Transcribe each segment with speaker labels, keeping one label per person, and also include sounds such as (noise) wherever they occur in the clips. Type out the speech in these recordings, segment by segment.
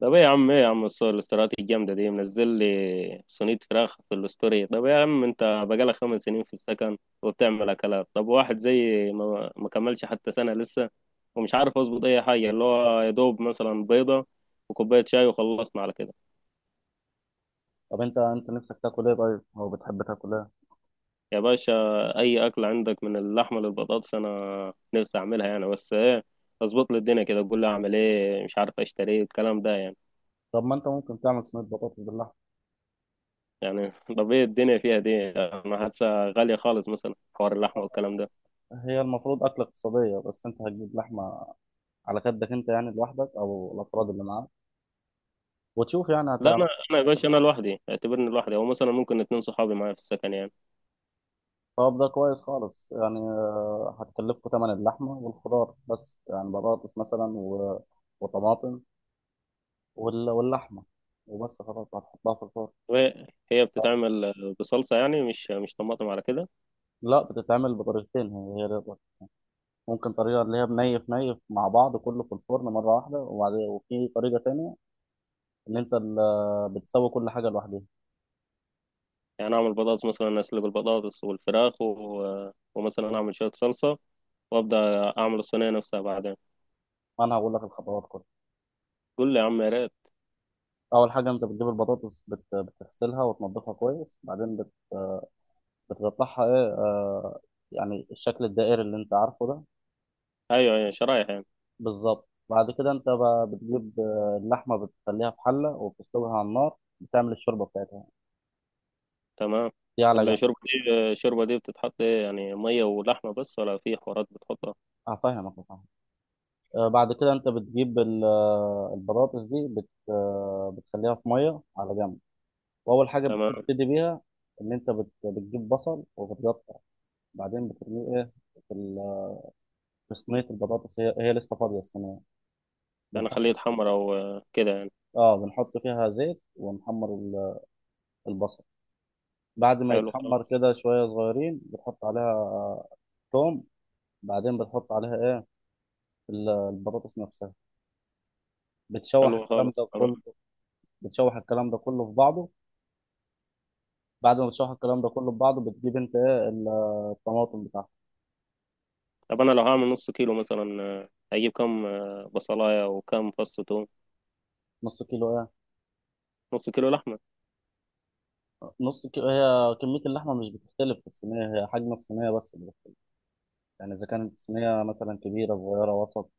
Speaker 1: طب ايه يا عم الصور الاستراتيجية الجامدة دي منزل لي صينية فراخ في الستوري. طب يا عم انت بقالك 5 سنين في السكن وبتعمل اكلات؟ طب واحد زي ما كملش حتى سنة لسه ومش عارف اظبط اي حاجة، اللي هو يا دوب مثلا بيضة وكوباية شاي وخلصنا على كده.
Speaker 2: طب انت نفسك تاكل ايه؟ طيب او بتحب تاكل ايه؟
Speaker 1: يا باشا، اي اكل عندك من اللحمة للبطاطس انا نفسي اعملها يعني، بس ايه، اظبط لي الدنيا كده، قول لي اعمل ايه، مش عارف اشتري ايه، الكلام ده يعني
Speaker 2: طب ما انت ممكن تعمل صينيه بطاطس باللحمه.
Speaker 1: يعني (laughs) طب ايه الدنيا فيها دي، انا حاسة غالية خالص، مثلا حوار اللحمة والكلام ده.
Speaker 2: هي المفروض اكله اقتصاديه، بس انت هتجيب لحمه على قدك انت، يعني لوحدك او الافراد اللي معاك، وتشوف يعني
Speaker 1: لا،
Speaker 2: هتعمل.
Speaker 1: انا يا باشا، انا لوحدي، اعتبرني لوحدي، او مثلا ممكن 2 صحابي معايا في السكن يعني.
Speaker 2: طب ده كويس خالص، يعني هتكلفكوا ثمن اللحمه والخضار بس، يعني بطاطس مثلا وطماطم واللحمه وبس، خلاص هتحطها في الفرن.
Speaker 1: وهي بتتعمل بصلصه يعني، مش طماطم على كده؟
Speaker 2: لا بتتعمل بطريقتين، هي دي الطريقة. ممكن طريقه اللي هي بنيف نيف مع بعض كله في الفرن مره واحده، وبعد وفي طريقه تانية ان انت بتسوي كل حاجه لوحدها.
Speaker 1: يعني اعمل بطاطس مثلا، اسلق البطاطس والفراخ و... ومثلا اعمل شويه صلصه وابدا اعمل الصينيه نفسها بعدين.
Speaker 2: انا هقول لك الخطوات كلها.
Speaker 1: قول لي يا عم، يا ريت.
Speaker 2: اول حاجه انت بتجيب البطاطس، بتغسلها وتنضفها كويس، بعدين بتقطعها ايه يعني الشكل الدائري اللي انت عارفه ده.
Speaker 1: ايوه ايوه، شرايح يعني.
Speaker 2: بالظبط، بعد كده انت بتجيب اللحمه، بتخليها في حله وبتسلقها على النار، بتعمل الشوربه بتاعتها،
Speaker 1: تمام.
Speaker 2: دي على جنب.
Speaker 1: الشوربه دي بتتحط ايه يعني؟ ميه ولحمه بس ولا في حوارات بتحطها؟
Speaker 2: هفهمك. بعد كده انت بتجيب البطاطس دي بت آه، بتخليها في ميه على جنب. واول حاجه
Speaker 1: تمام،
Speaker 2: بتبتدي بيها ان انت بتجيب بصل وبتقطع، بعدين بترميه ايه، في في صينيه البطاطس. هي لسه فاضيه الصينيه،
Speaker 1: يعني
Speaker 2: بنحط.
Speaker 1: خليه يتحمر او كده يعني.
Speaker 2: اه بنحط فيها زيت ونحمر البصل. بعد ما
Speaker 1: حلو
Speaker 2: يتحمر
Speaker 1: خالص.
Speaker 2: كده شويه صغيرين بتحط عليها توم، بعدين بتحط عليها ايه، البطاطس نفسها. بتشوح
Speaker 1: حلو
Speaker 2: الكلام
Speaker 1: خالص،
Speaker 2: ده كله.
Speaker 1: تمام.
Speaker 2: بتشوح الكلام ده كله في بعضه. بعد ما بتشوح الكلام ده كله في بعضه بتجيب انت ايه الطماطم بتاعتك.
Speaker 1: طب انا لو هعمل نص كيلو مثلا، هجيب كام بصلايه وكام فص توم؟
Speaker 2: نص كيلو ايه؟
Speaker 1: نص كيلو لحمه.
Speaker 2: نص كيلو هي كمية اللحمة مش بتختلف في الصينية، هي حجم الصينية بس اللي بتختلف، يعني إذا كانت الصينية مثلا كبيرة، صغيرة، وسط.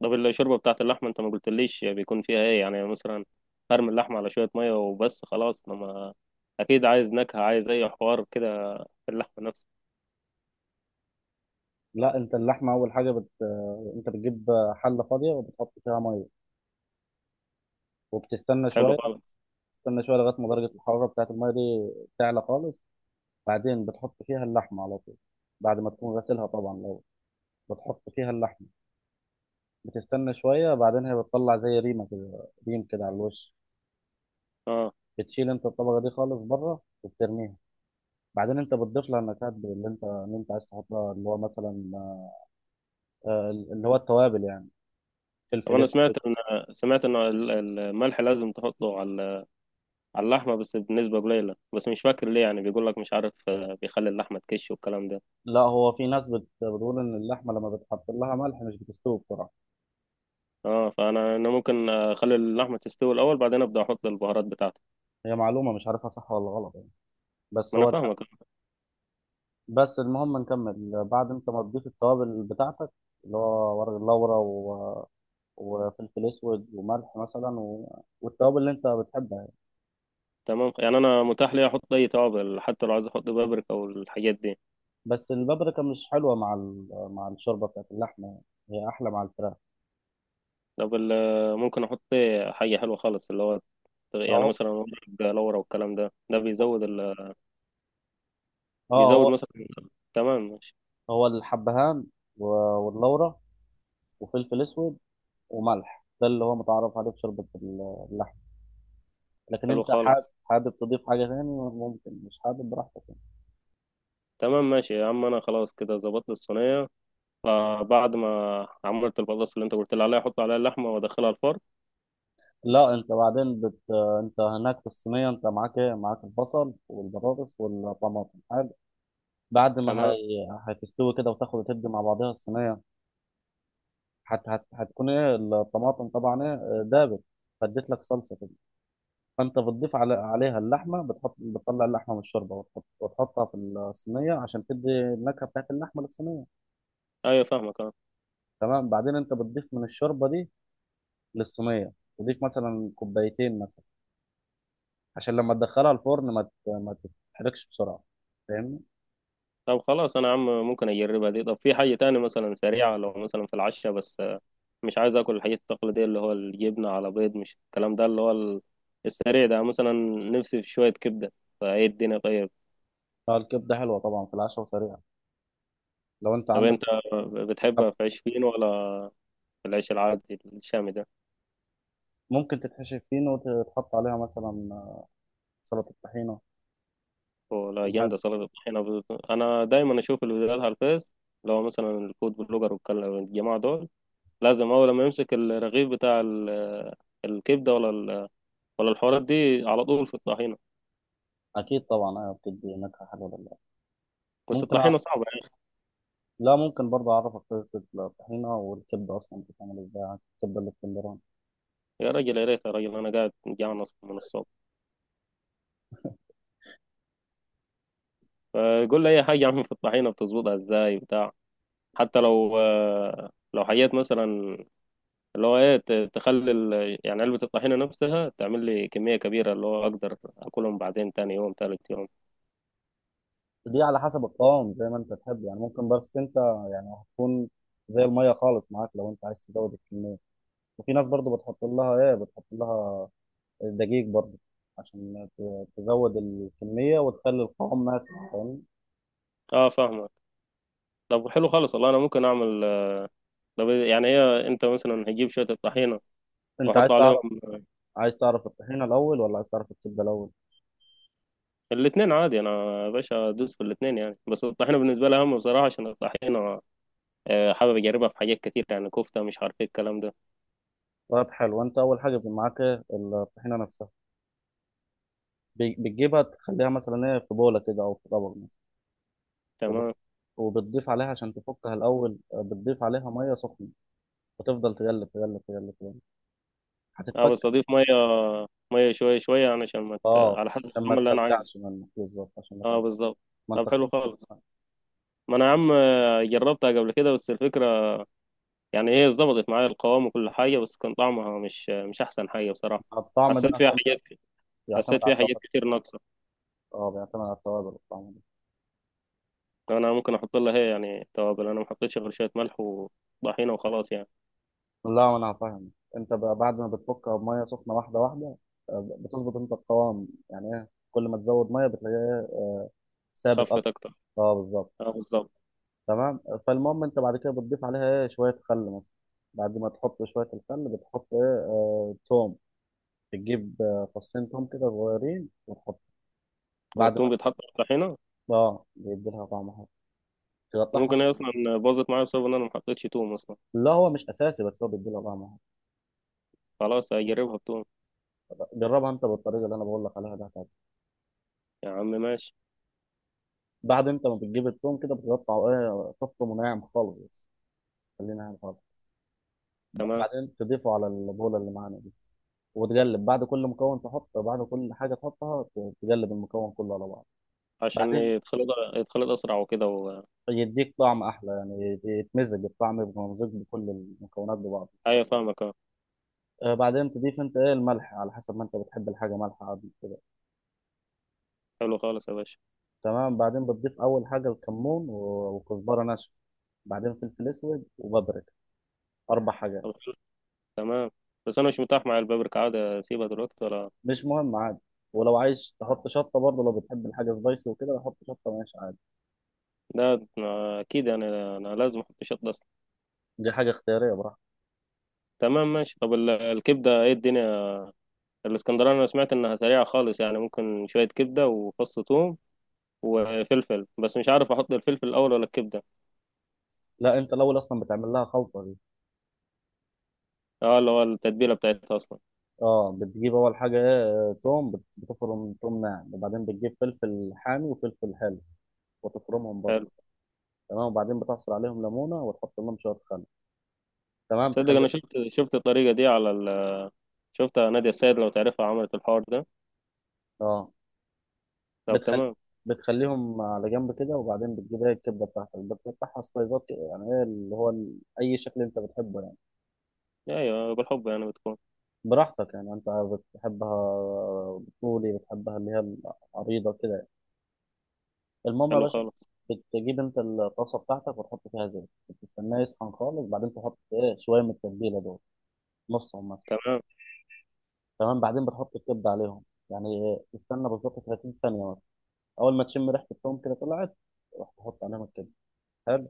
Speaker 1: طب الشوربه بتاعت اللحمه انت ما قلتليش بيكون فيها ايه يعني، مثلا هرمي اللحمه على شويه ميه وبس خلاص، لما اكيد عايز نكهه، عايز اي حوار كده في اللحمه نفسها.
Speaker 2: لا انت اللحمه اول حاجه انت بتجيب حله فاضيه وبتحط فيها ميه، وبتستنى
Speaker 1: حلو
Speaker 2: شويه.
Speaker 1: خالص.
Speaker 2: بتستنى شويه لغايه ما درجه الحراره بتاعت الميه دي تعلى خالص، بعدين بتحط فيها اللحمه على طول، بعد ما تكون غسلها طبعا. لو بتحط فيها اللحمه، بتستنى شويه، بعدين هي بتطلع زي ريمه كده، ريم كده على الوش.
Speaker 1: اه.
Speaker 2: بتشيل انت الطبقه دي خالص بره وبترميها. بعدين انت بتضيف لها النكهات اللي انت عايز تحطها، اللي هو مثلا اللي هو التوابل يعني،
Speaker 1: طب
Speaker 2: فلفل
Speaker 1: انا
Speaker 2: اسود.
Speaker 1: سمعت ان الملح لازم تحطه على على اللحمه بس بنسبه قليله، بس مش فاكر ليه، يعني بيقول لك مش عارف، بيخلي اللحمه تكش والكلام ده.
Speaker 2: لا هو في ناس بتقول ان اللحمه لما بتحط لها ملح مش بتستوي بسرعه.
Speaker 1: اه، فانا ممكن اخلي اللحمه تستوي الاول بعدين ابدا احط البهارات بتاعتي.
Speaker 2: هي معلومه مش عارفها صح ولا غلط يعني،
Speaker 1: ما
Speaker 2: بس
Speaker 1: انا
Speaker 2: هو
Speaker 1: فاهمك.
Speaker 2: بس المهم نكمل. بعد انت ما تضيف التوابل بتاعتك، اللي هو ورق اللورا وفلفل اسود وملح مثلا والتوابل اللي انت بتحبها يعني.
Speaker 1: تمام، يعني انا متاح لي احط اي توابل حتى لو عايز احط بابريكا والحاجات دي.
Speaker 2: بس البابريكا مش حلوه مع مع الشوربه بتاعت اللحمه يعني، هي احلى مع الفراخ.
Speaker 1: طب ممكن احط إيه؟ حاجه حلوه خالص اللي هو يعني
Speaker 2: فهو
Speaker 1: مثلا ورق لورا والكلام ده، ده بيزود ال...
Speaker 2: اه
Speaker 1: بيزود
Speaker 2: هو
Speaker 1: مثلا. تمام، ماشي.
Speaker 2: هو الحبهان و- واللورا وفلفل اسود وملح، ده اللي هو متعرف عليه في شوربه اللحمه. لكن
Speaker 1: حلو
Speaker 2: انت حابب
Speaker 1: خالص.
Speaker 2: حابب تضيف حاجة تاني، ممكن. مش حابب، براحتك يعني.
Speaker 1: تمام ماشي يا عم، انا خلاص كده ظبطت الصينيه. فبعد ما عملت البطاطس اللي انت قلت لي عليها، احط عليها اللحمه وادخلها الفرن؟
Speaker 2: لا انت بعدين انت هناك في الصينية انت معاك ايه؟ معاك البصل والبطاطس والطماطم، حلو. بعد ما
Speaker 1: تمام.
Speaker 2: هتستوي كده وتاخد وتدي مع بعضها الصينية، هتكون ايه الطماطم طبعا؟ ايه، دابت، فاديت لك صلصة كده. فانت بتضيف عليها اللحمة، بتحط، بتطلع اللحمة من الشوربة وتحطها في الصينية عشان تدي النكهة بتاعت اللحمة للصينية.
Speaker 1: ايوه فاهمك، آه.
Speaker 2: تمام، بعدين انت بتضيف من الشوربة دي للصينيه، تضيف مثلا كوبايتين مثلا، عشان لما تدخلها الفرن ما تتحرقش بسرعه، فاهمني.
Speaker 1: طب خلاص انا عم، ممكن اجربها دي. طب في حاجة تاني مثلا سريعة، لو مثلا في العشاء بس، مش عايز اكل الحاجات التقليدية اللي هو الجبنة على بيض، مش الكلام ده اللي هو السريع ده مثلا. نفسي في شوية كبدة، فايه الدنيا طيب؟
Speaker 2: فالكبده حلوه طبعا في العشاء وسريعه، لو انت
Speaker 1: طب
Speaker 2: عندك.
Speaker 1: انت
Speaker 2: انت
Speaker 1: بتحبها في عيش فين، ولا في العيش العادي الشامي ده؟
Speaker 2: ممكن تتحشي فينو وتحط عليها مثلا سلطه طحينه،
Speaker 1: ولا
Speaker 2: تكون حلوه.
Speaker 1: جامدة سلطة الطحينة؟ انا دايما اشوف الفيديوهات على الفيس، اللي هو مثلا الفود بلوجر والجماعة دول لازم اول ما يمسك الرغيف بتاع الكبدة ولا ولا الحوارات دي على طول في الطحينة.
Speaker 2: اكيد طبعا ايوه، بتدي نكهه حلوه لله.
Speaker 1: بس
Speaker 2: ممكن أ...
Speaker 1: الطحينة صعبة يا أخي.
Speaker 2: لا ممكن برضه اعرفك طريقه الطحينه والكبده اصلا بتتعمل ازاي، الكبده الاسكندراني.
Speaker 1: يا راجل يا ريت، يا راجل أنا قاعد جعان أصلا من الصبح. فقول لي أي حاجة عم، في الطحينة بتظبطها إزاي بتاع؟ حتى لو لو حاجات مثلا اللي هو إيه، تخلي يعني علبة الطحينة نفسها تعمل لي كمية كبيرة، اللي هو أقدر أكلهم بعدين تاني يوم تالت يوم.
Speaker 2: دي على حسب القوام زي ما انت تحب يعني، ممكن. بس انت يعني هتكون زي الميه خالص معاك لو انت عايز تزود الكميه. وفي ناس برضو بتحط لها ايه، بتحط لها دقيق برضو عشان تزود الكمية وتخلي القوام ماسك، فاهم.
Speaker 1: أه فاهمك. طب حلو خالص، والله أنا ممكن أعمل، طب يعني هي، أنت مثلا هتجيب شوية الطحينة
Speaker 2: انت
Speaker 1: وأحط
Speaker 2: عايز
Speaker 1: عليهم.
Speaker 2: تعرف، عايز تعرف الطحينة الاول ولا عايز تعرف الكبدة الاول؟
Speaker 1: الاتنين عادي، أنا يا باشا أدوس في الاتنين يعني، بس الطحينة بالنسبة لي أهم بصراحة، عشان الطحينة حابب اجربها في حاجات كتير، يعني كفته، مش عارف ايه الكلام ده.
Speaker 2: طيب حلو. انت اول حاجة بيبقى معاك إيه؟ الطحينة نفسها، بتجيبها تخليها مثلا ايه، في بولة كده او في طبق مثلا، وب-
Speaker 1: تمام.
Speaker 2: وبتضيف عليها عشان تفكها الاول، بتضيف عليها مية سخنة وتفضل تقلب تقلب تقلب تقلب،
Speaker 1: اه، بس
Speaker 2: هتتفك.
Speaker 1: اضيف ميه، ميه شويه شويه يعني، عشان ما
Speaker 2: اه،
Speaker 1: على حسب
Speaker 2: عشان ما
Speaker 1: الطعم اللي انا عايزه.
Speaker 2: تكلكعش منك، بالظبط، عشان ما
Speaker 1: اه
Speaker 2: تكلكعش.
Speaker 1: بالظبط.
Speaker 2: ما
Speaker 1: طب
Speaker 2: انت
Speaker 1: حلو
Speaker 2: خد.
Speaker 1: خالص. ما انا يا عم، جربتها قبل كده بس الفكره، يعني هي ظبطت معايا القوام وكل حاجه بس كان طعمها مش احسن حاجه بصراحه.
Speaker 2: الطعم ده
Speaker 1: حسيت فيها
Speaker 2: عشان
Speaker 1: حاجات،
Speaker 2: يعتمد
Speaker 1: حسيت
Speaker 2: على
Speaker 1: فيها حاجات
Speaker 2: التوابل.
Speaker 1: كتير ناقصه.
Speaker 2: اه بيعتمد على التوابل والطعم ده.
Speaker 1: انا ممكن احط لها هي يعني توابل، انا ما حطيتش غير شويه ملح وطحينه وخلاص يعني.
Speaker 2: لا ما انا هفهم. انت بقى بعد ما بتفكها بميه سخنه واحده واحده، بتظبط انت القوام، يعني ايه، كل ما تزود ميه بتلاقيه إيه؟ ثابت
Speaker 1: خفت
Speaker 2: اكتر.
Speaker 1: اكتر.
Speaker 2: اه بالظبط،
Speaker 1: اه بالظبط.
Speaker 2: تمام. فالمهم انت بعد كده بتضيف عليها ايه، شويه خل مثلا. بعد ما تحط شويه الخل بتحط ايه، توم، بتجيب فصين توم كده صغيرين وتحط بعد ما.
Speaker 1: والثوم بيتحط في الطحينه؟
Speaker 2: اه بيدي لها طعم حلو، تقطعهم.
Speaker 1: ممكن هي اصلا باظت معايا بسبب ان انا ما حطيتش توم اصلا.
Speaker 2: لا هو مش اساسي بس هو بيدي لها طعم حلو.
Speaker 1: خلاص هجربها بتوم.
Speaker 2: جربها انت بالطريقه اللي انا بقول لك عليها ده.
Speaker 1: يا عم ماشي.
Speaker 2: بعد انت ما بتجيب التوم كده بتقطع ايه، تفطم وناعم خالص، بس خلينا ناعم خالص.
Speaker 1: تمام،
Speaker 2: بعدين تضيفه على البوله اللي معانا دي، وتقلب بعد كل مكون تحط، بعد كل حاجه تحطها تقلب المكون كله على بعض.
Speaker 1: عشان
Speaker 2: بعدين
Speaker 1: يتخلط، يتخلط اسرع وكده و...
Speaker 2: يديك طعم احلى يعني، يتمزج الطعم، يبقى ممزوج بكل المكونات ببعض.
Speaker 1: ايوه فاهمك، اه.
Speaker 2: بعدين تضيف انت ايه، الملح على حسب ما انت بتحب الحاجه مالحه عادي كده.
Speaker 1: حلو خالص يا باشا.
Speaker 2: تمام، بعدين بتضيف اول حاجه الكمون وكزبره ناشفه، بعدين فلفل اسود وبابريكا، اربع حاجات.
Speaker 1: طب حلو، تمام، بس انا مش متاح مع البابريكا، عادي اسيبها دلوقتي ولا؟
Speaker 2: مش مهم عادي. ولو عايز تحط شطه برضه لو بتحب الحاجه سبايسي وكده، حط شطه، ماشي عادي.
Speaker 1: ده أنا- اكيد انا لازم احط شطه اصلا.
Speaker 2: دي حاجه اختياريه، براحتك.
Speaker 1: تمام ماشي. طب الكبده ايه الدنيا؟ الاسكندراني انا سمعت انها سريعه خالص، يعني ممكن شويه كبده وفص ثوم وفلفل، بس مش عارف احط الفلفل الاول ولا الكبده.
Speaker 2: لا انت الاول اصلا بتعمل لها خلطه دي.
Speaker 1: اه اللي هو التتبيله بتاعتها اصلا.
Speaker 2: اه بتجيب اول حاجه ايه، توم، بتفرم توم ناعم، وبعدين بتجيب فلفل حامي وفلفل حلو وتفرمهم برضه. تمام، وبعدين بتعصر عليهم ليمونه وتحط لهم شويه خل. تمام،
Speaker 1: تصدق
Speaker 2: تخلي.
Speaker 1: انا شفت الطريقه دي على ال... شفتها نادية السيد لو تعرفها، عملت الحوار ده.
Speaker 2: اه
Speaker 1: طب
Speaker 2: بتخلي،
Speaker 1: تمام.
Speaker 2: بتخليهم على جنب كده، وبعدين بتجيب ايه الكبده بتاعتك، بتقطعها سلايزات كده، يعني ايه، اللي هو اي شكل انت بتحبه يعني،
Speaker 1: ايوه، بالحب يعني بتكون.
Speaker 2: براحتك يعني، انت بتحبها طولي، بتحبها اللي هي العريضه كده يعني. المهم يا
Speaker 1: حلو
Speaker 2: باشا،
Speaker 1: خالص.
Speaker 2: بتجيب انت الطاسه بتاعتك وتحط فيها زيت، بتستناه يسخن خالص، بعدين تحط ايه، شويه من التتبيله دول، نصهم مثلا.
Speaker 1: تمام.
Speaker 2: تمام، بعدين بتحط الكبده عليهم، يعني ايه، تستنى بالظبط 30 ثانيه مثلا. اول ما تشم ريحه التوم كده طلعت، روح تحط عليهم الكبده، حلو.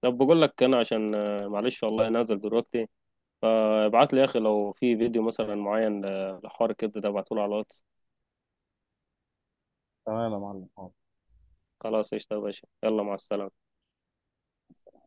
Speaker 1: طب بقول لك انا عشان معلش والله نازل دلوقتي. فابعت لي يا اخي لو في فيديو مثلا معين، لحوار الكبد ده، ابعته له على الواتس.
Speaker 2: تمام يا معلم.
Speaker 1: خلاص قشطه يا باشا، يلا مع السلامه.
Speaker 2: حاضر.